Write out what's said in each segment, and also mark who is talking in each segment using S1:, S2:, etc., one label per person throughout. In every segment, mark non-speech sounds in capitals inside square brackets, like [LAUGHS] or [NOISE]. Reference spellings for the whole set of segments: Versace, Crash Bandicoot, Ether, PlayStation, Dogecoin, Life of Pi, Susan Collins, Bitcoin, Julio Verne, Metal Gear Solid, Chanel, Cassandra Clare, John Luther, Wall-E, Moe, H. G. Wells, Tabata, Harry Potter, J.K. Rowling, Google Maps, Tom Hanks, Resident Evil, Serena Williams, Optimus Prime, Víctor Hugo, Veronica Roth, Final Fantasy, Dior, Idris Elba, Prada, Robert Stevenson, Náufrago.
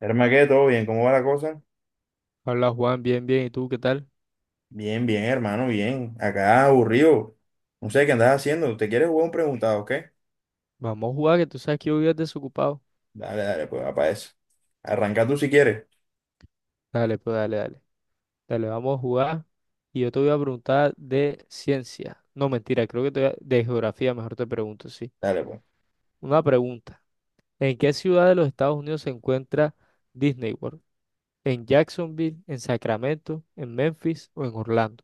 S1: Hermano, ¿qué? ¿Todo bien? ¿Cómo va la cosa?
S2: Hola Juan, bien, bien. ¿Y tú qué tal?
S1: Bien, bien, hermano, bien. Acá aburrido. No sé qué andas haciendo. ¿Te quieres jugar un preguntado, o qué?
S2: Vamos a jugar, que tú sabes que yo vivo desocupado.
S1: Dale, dale, pues, va para eso. Arranca tú si quieres.
S2: Dale, pues dale, dale. Dale, vamos a jugar. Y yo te voy a preguntar de ciencia. No, mentira, creo que de geografía, mejor te pregunto, sí.
S1: Dale, pues.
S2: Una pregunta. ¿En qué ciudad de los Estados Unidos se encuentra Disney World? ¿En Jacksonville, en Sacramento, en Memphis o en Orlando?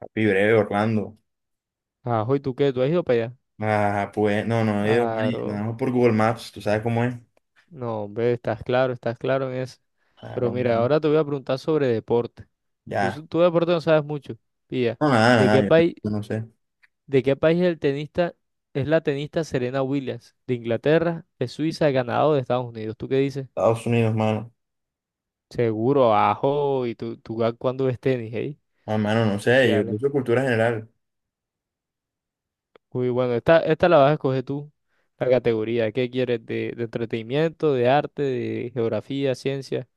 S1: Papi breve, Orlando.
S2: Ajo, ¿y tú qué? ¿Tú has ido para allá?
S1: Ah, pues, no, no, yo, mani,
S2: Claro.
S1: no, por Google Maps, tú sabes cómo es.
S2: No, hombre, estás claro en eso. Pero
S1: Claro,
S2: mira,
S1: no.
S2: ahora te voy a preguntar sobre deporte. Y tú,
S1: Ya.
S2: tú de deporte no sabes mucho. Pilla,
S1: No, nada,
S2: ¿de
S1: nada,
S2: qué
S1: yo,
S2: país,
S1: yo no sé.
S2: de qué país es el tenista, es la tenista Serena Williams? ¿De Inglaterra, de Suiza, de Canadá o de Estados Unidos? ¿Tú qué dices?
S1: Estados Unidos, mano.
S2: Seguro, ajo, y tú cuándo ves tenis, ¿eh?
S1: Ah, mano, no
S2: Tú sí
S1: sé, yo,
S2: hablas.
S1: yo soy cultura general.
S2: Muy bueno, esta la vas a escoger tú, la categoría. ¿Qué quieres? De entretenimiento, de arte, de geografía, ciencia?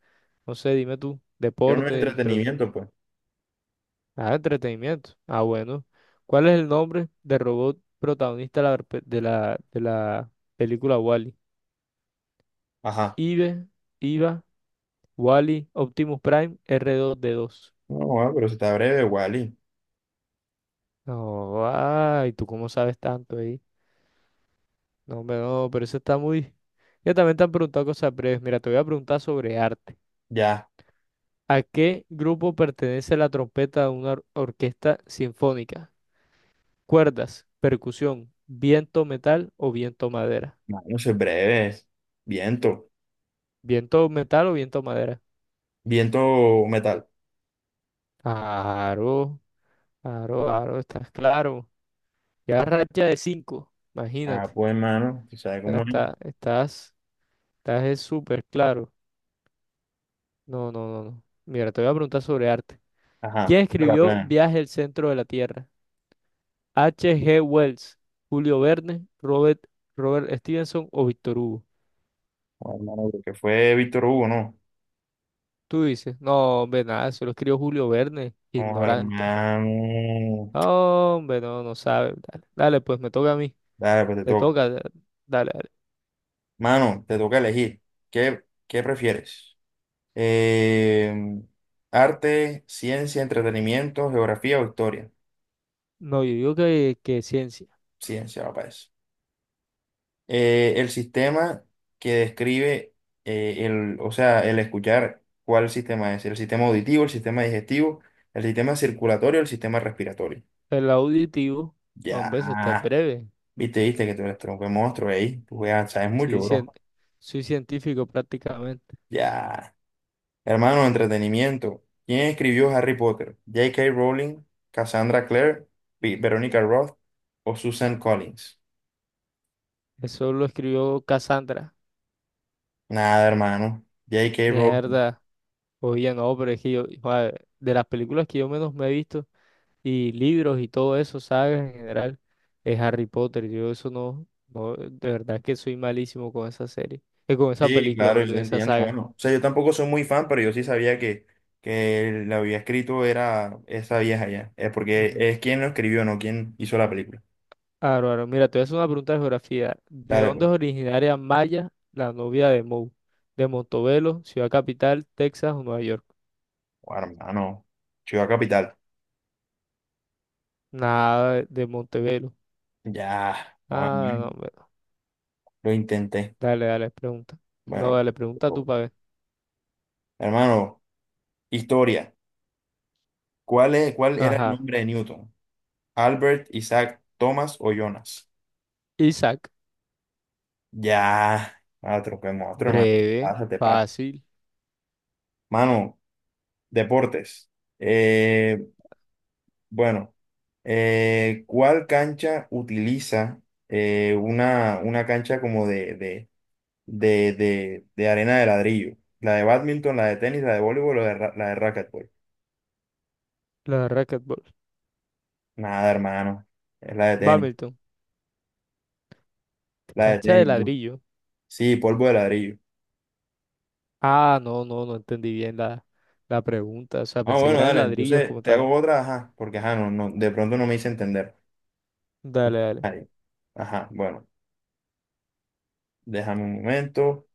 S2: No sé, dime tú.
S1: Quiero un
S2: Deporte, de,
S1: entretenimiento, pues.
S2: ah, entretenimiento. Ah, bueno. ¿Cuál es el nombre del robot protagonista de la, pe- de la película Wall-E?
S1: Ajá.
S2: Ive, Iva, Wall-E, Optimus Prime, R2-D2.
S1: No, ah, pero si está breve, Wally.
S2: No, ay, ¿tú cómo sabes tanto ahí? No, hombre, no, pero eso está muy... Ya también te han preguntado cosas breves. Mira, te voy a preguntar sobre arte.
S1: Ya.
S2: ¿A qué grupo pertenece la trompeta de una orquesta sinfónica? ¿Cuerdas, percusión, viento metal o viento madera?
S1: Mano, eso es breve. Viento.
S2: ¿Viento metal o viento madera?
S1: Viento o metal.
S2: Claro, claro, claro, estás claro. Ya racha de cinco,
S1: Ah,
S2: imagínate.
S1: pues hermano, tú sabes
S2: Ya
S1: cómo es.
S2: está, estás es súper claro. No, no, no, no. Mira, te voy a preguntar sobre arte.
S1: Ajá,
S2: ¿Quién
S1: de la
S2: escribió
S1: plana.
S2: Viaje al centro de la Tierra? H. G. Wells, Julio Verne, Robert Stevenson o Víctor Hugo.
S1: Oh, hermano, creo que fue Víctor Hugo, ¿no?
S2: Tú dices, no, hombre, nada, eso lo escribió Julio Verne,
S1: Oh,
S2: ignorante.
S1: hermano.
S2: No, hombre, no, no sabe. Dale, dale, pues me toca a mí.
S1: Dale, pues te
S2: Te
S1: toca.
S2: toca, dale, dale.
S1: Mano, te toca elegir. ¿Qué prefieres? Eh, arte, ciencia, entretenimiento, geografía o historia.
S2: No, yo digo que, ciencia.
S1: Ciencia, papá. El sistema que describe o sea, el escuchar cuál sistema es, el sistema auditivo, el sistema digestivo, el sistema circulatorio, el sistema respiratorio.
S2: El auditivo, hombre, eso está
S1: Ya,
S2: breve.
S1: viste, viste que tú eres tronco de monstruo ahí, tú juegas, sabes
S2: Sí,
S1: mucho,
S2: cien-
S1: bro.
S2: Soy científico prácticamente.
S1: Ya, hermano, entretenimiento. ¿Quién escribió Harry Potter? J.K. Rowling, Cassandra Clare, Veronica Roth o Susan Collins?
S2: Eso lo escribió Cassandra.
S1: Nada, hermano. J.K. Rowling.
S2: Mierda. Oye, no, pero es que yo, joder, de las películas que yo menos me he visto y libros y todo eso, sagas en general, es Harry Potter. Yo eso no, no, de verdad que soy malísimo con esa serie. Con esa
S1: Sí,
S2: película,
S1: claro, yo
S2: perdón,
S1: te
S2: esa
S1: entiendo,
S2: saga.
S1: hermano. O sea, yo tampoco soy muy fan, pero yo sí sabía que la había escrito era esa vieja ya. Es porque es quien lo escribió, no quien hizo la película.
S2: Aro, aro. Mira, te voy a hacer una pregunta de geografía. ¿De
S1: Dale,
S2: dónde
S1: pues.
S2: es originaria Maya, la novia de Moe? ¿De Montevelo, Ciudad Capital, Texas o Nueva York?
S1: Bueno, hermano, Ciudad Capital.
S2: Nada de Montevelo.
S1: Ya,
S2: Ah, no,
S1: bueno,
S2: hombre.
S1: lo intenté.
S2: Dale, dale, pregunta. No,
S1: Bueno,
S2: dale, pregunta tú para ver.
S1: hermano, historia. ¿Cuál era el
S2: Ajá.
S1: nombre de Newton? ¿Albert, Isaac, Thomas o Jonas?
S2: Isaac.
S1: Ya, otro, otro, hermano.
S2: Breve,
S1: Pásate, pasa.
S2: fácil.
S1: Mano, deportes. Eh, Bueno, ¿cuál cancha utiliza una cancha como de arena de ladrillo? La de bádminton, la de tenis, la de voleibol o la de, la de racquetball.
S2: La de racquetball.
S1: Nada, hermano. Es la de tenis.
S2: Bamilton.
S1: La de
S2: Cancha de
S1: tenis, bro.
S2: ladrillo.
S1: Sí, polvo de ladrillo.
S2: Ah, no, no, no entendí bien la pregunta. O sea,
S1: Ah,
S2: pensé que
S1: bueno,
S2: eran
S1: dale.
S2: ladrillos
S1: Entonces
S2: como
S1: te hago
S2: tal.
S1: otra, ajá, porque ajá, no, no, de pronto no me hice entender.
S2: Dale, dale.
S1: Ahí. Ajá, bueno, déjame un momento.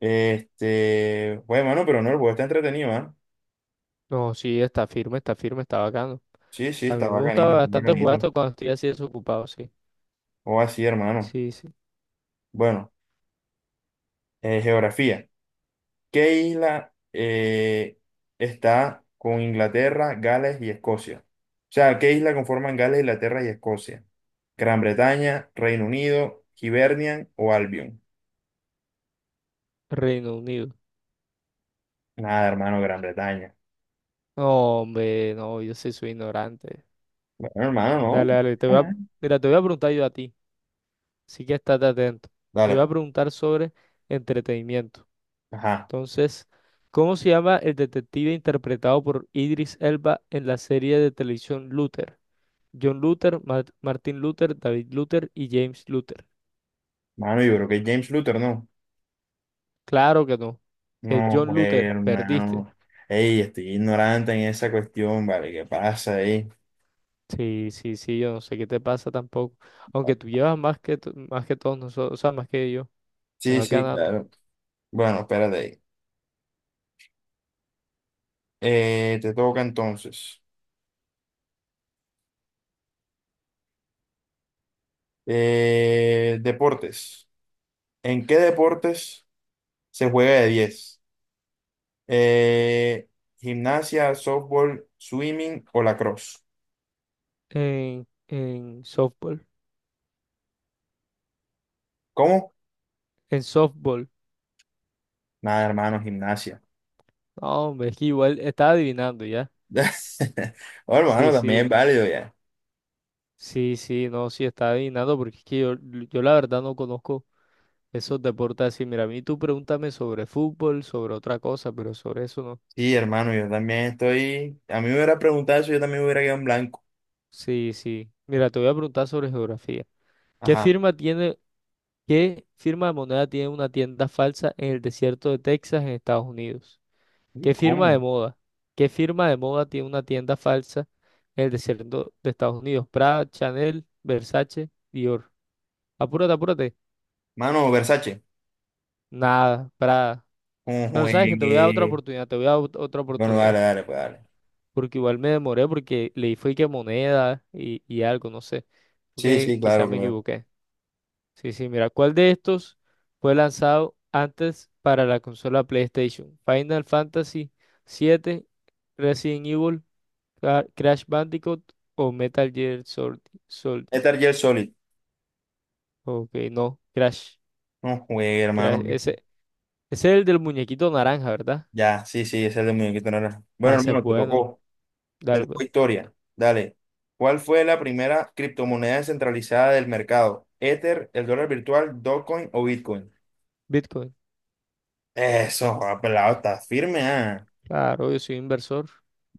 S1: Este, bueno, mano, pero no, el juego está entretenido, ¿ah?
S2: No, sí, está firme, está firme, está bacano.
S1: Sí, sí,
S2: A mí
S1: está
S2: me
S1: bacanito,
S2: gustaba
S1: está
S2: bastante jugar
S1: bacanito.
S2: esto cuando estoy así desocupado, sí.
S1: O así, hermano.
S2: Sí, sí.
S1: Bueno, geografía. ¿Qué isla está con Inglaterra, Gales y Escocia? O sea, ¿qué isla conforman Gales, Inglaterra y Escocia? Gran Bretaña, Reino Unido, Hibernian o Albion.
S2: Reino Unido.
S1: Nada, hermano, Gran Bretaña.
S2: No, hombre, no, yo sí soy ignorante.
S1: Bueno, hermano, no.
S2: Dale, dale, te voy a...
S1: Ajá.
S2: Mira, te voy a preguntar yo a ti, así que estate atento. Te
S1: Dale,
S2: voy a
S1: pues.
S2: preguntar sobre entretenimiento.
S1: Ajá.
S2: Entonces, ¿cómo se llama el detective interpretado por Idris Elba en la serie de televisión Luther? John Luther, Martin Luther, David Luther y James Luther.
S1: Mano, yo creo que es James Luther, ¿no?
S2: Claro que no. Es
S1: No,
S2: John
S1: pues,
S2: Luther, perdiste.
S1: hermano. Ey, estoy ignorante en esa cuestión, ¿vale? ¿Qué pasa ahí?
S2: Sí, sí, sí, yo no sé qué te pasa tampoco. Aunque tú llevas más que, más que todos nosotros, o sea, más que yo, me
S1: Sí,
S2: va
S1: sí,
S2: ganando.
S1: claro. Bueno, espérate ahí. Te toca entonces. Deportes. ¿En qué deportes se juega de 10? Eh, gimnasia, softball, swimming o lacrosse.
S2: En softball,
S1: ¿Cómo?
S2: en softball,
S1: Nada, hermano, gimnasia.
S2: No, hombre, es que igual estaba adivinando ya.
S1: [LAUGHS] Oh,
S2: Sí,
S1: hermano, también es
S2: sí,
S1: válido ya.
S2: sí, sí, no, sí, estaba adivinando porque es que yo la verdad no conozco esos deportes así. Mira, a mí tú pregúntame sobre fútbol, sobre otra cosa, pero sobre eso no.
S1: Sí, hermano, yo también estoy. A mí me hubiera preguntado eso, yo también me hubiera quedado en blanco.
S2: Sí, sí. Mira, te voy a preguntar sobre geografía. ¿Qué
S1: Ajá.
S2: firma tiene ¿Qué firma de moneda tiene una tienda falsa en el desierto de Texas, en Estados Unidos?
S1: Uy,
S2: ¿Qué firma de
S1: ¿cómo?
S2: moda? ¿Qué firma de moda tiene una tienda falsa en el desierto de Estados Unidos? Prada, Chanel, Versace, Dior. Apúrate, apúrate.
S1: Mano, Versace.
S2: Nada, Prada.
S1: Un
S2: Pero sabes que te voy a dar otra
S1: juegue.
S2: oportunidad, te voy a dar otra
S1: Bueno, dale,
S2: oportunidad.
S1: dale, pues dale.
S2: Porque igual me demoré porque leí fue que moneda y algo, no sé.
S1: Sí,
S2: Porque
S1: sí, claro,
S2: quizás me
S1: claro.
S2: equivoqué. Sí, sí, mira, ¿cuál de estos fue lanzado antes para la consola PlayStation? Final Fantasy VII, Resident Evil, Crash Bandicoot o Metal Gear Solid. Solid.
S1: Metal Gear Solid.
S2: Ok, no, Crash.
S1: No juegue,
S2: Crash.
S1: hermano.
S2: Ese es el del muñequito naranja, ¿verdad?
S1: Ya, sí, sí, ese es el de muñequito naranja.
S2: Ah,
S1: Bueno,
S2: ese es
S1: hermano, te
S2: bueno.
S1: tocó. Te
S2: Dale, pues.
S1: tocó historia. Dale. ¿Cuál fue la primera criptomoneda descentralizada del mercado? ¿Ether, el dólar virtual, Dogecoin o Bitcoin?
S2: Bitcoin.
S1: Eso, joda, pelado, está firme, ah.
S2: Claro, yo soy inversor.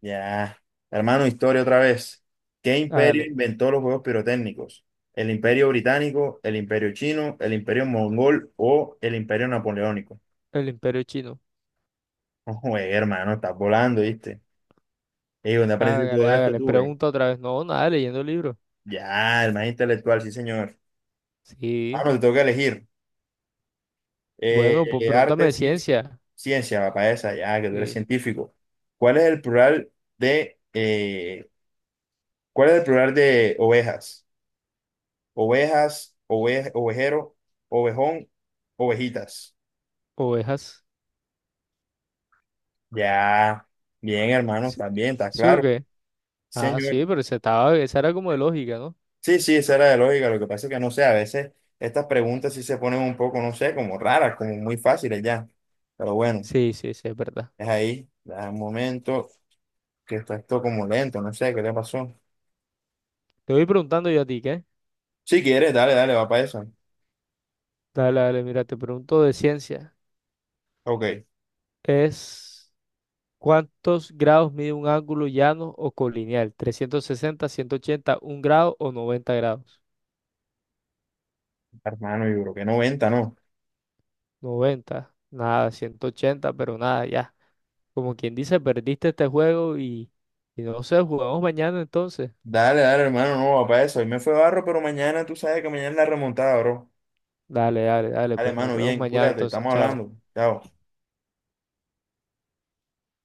S1: Ya. Hermano, historia otra vez. ¿Qué imperio
S2: Hágale.
S1: inventó los juegos pirotécnicos? ¿El imperio británico, el imperio chino, el imperio mongol o el imperio napoleónico?
S2: El imperio chino.
S1: No juegue, hermano, estás volando, ¿viste? Ey, ¿dónde aprendiste
S2: Hágale,
S1: todo esto
S2: hágale.
S1: tú, güey?
S2: Pregunta otra vez. No, nada, leyendo el libro.
S1: Ya, el más intelectual, sí, señor. Ah,
S2: Sí.
S1: no, te tengo que elegir.
S2: Bueno, pues pregúntame
S1: Arte,
S2: de
S1: ciencia.
S2: ciencia.
S1: Ciencia, papá, esa, ya, que tú eres
S2: Sí.
S1: científico. ¿Cuál es el plural de, eh, ¿Cuál es el plural de ovejas? Ovejas, ovejero, ovejón, ovejitas.
S2: Ovejas.
S1: Ya, bien, hermano,
S2: ¿Sí,
S1: también, está
S2: sí o
S1: claro.
S2: qué? Ah,
S1: Señor.
S2: sí, pero esa, estaba, esa era como de lógica, ¿no?
S1: Sí, sí, esa era de lógica. Lo que pasa es que no sé, a veces estas preguntas sí se ponen un poco, no sé, como raras, como muy fáciles ya. Pero bueno.
S2: Sí, sí, sí, es verdad.
S1: Es ahí, da un momento que está esto como lento, no sé qué le pasó.
S2: Te voy preguntando yo a ti, ¿qué?
S1: Si quieres, dale, dale, va para eso.
S2: Dale, dale, mira, te pregunto de ciencia.
S1: Ok,
S2: Es ¿cuántos grados mide un ángulo llano o colineal? 360, 180, 1 grado o 90 grados.
S1: hermano, yo creo que 90, ¿no?
S2: 90, nada. 180, pero nada, ya. Como quien dice, perdiste este juego y no sé, jugamos mañana entonces.
S1: Dale, dale, hermano, no va para eso. Hoy me fue barro, pero mañana tú sabes que mañana es la remontada, bro.
S2: Dale, dale, dale,
S1: Dale,
S2: pues nos
S1: hermano,
S2: vemos
S1: bien,
S2: mañana
S1: cuídate,
S2: entonces,
S1: estamos
S2: chao.
S1: hablando. Chao.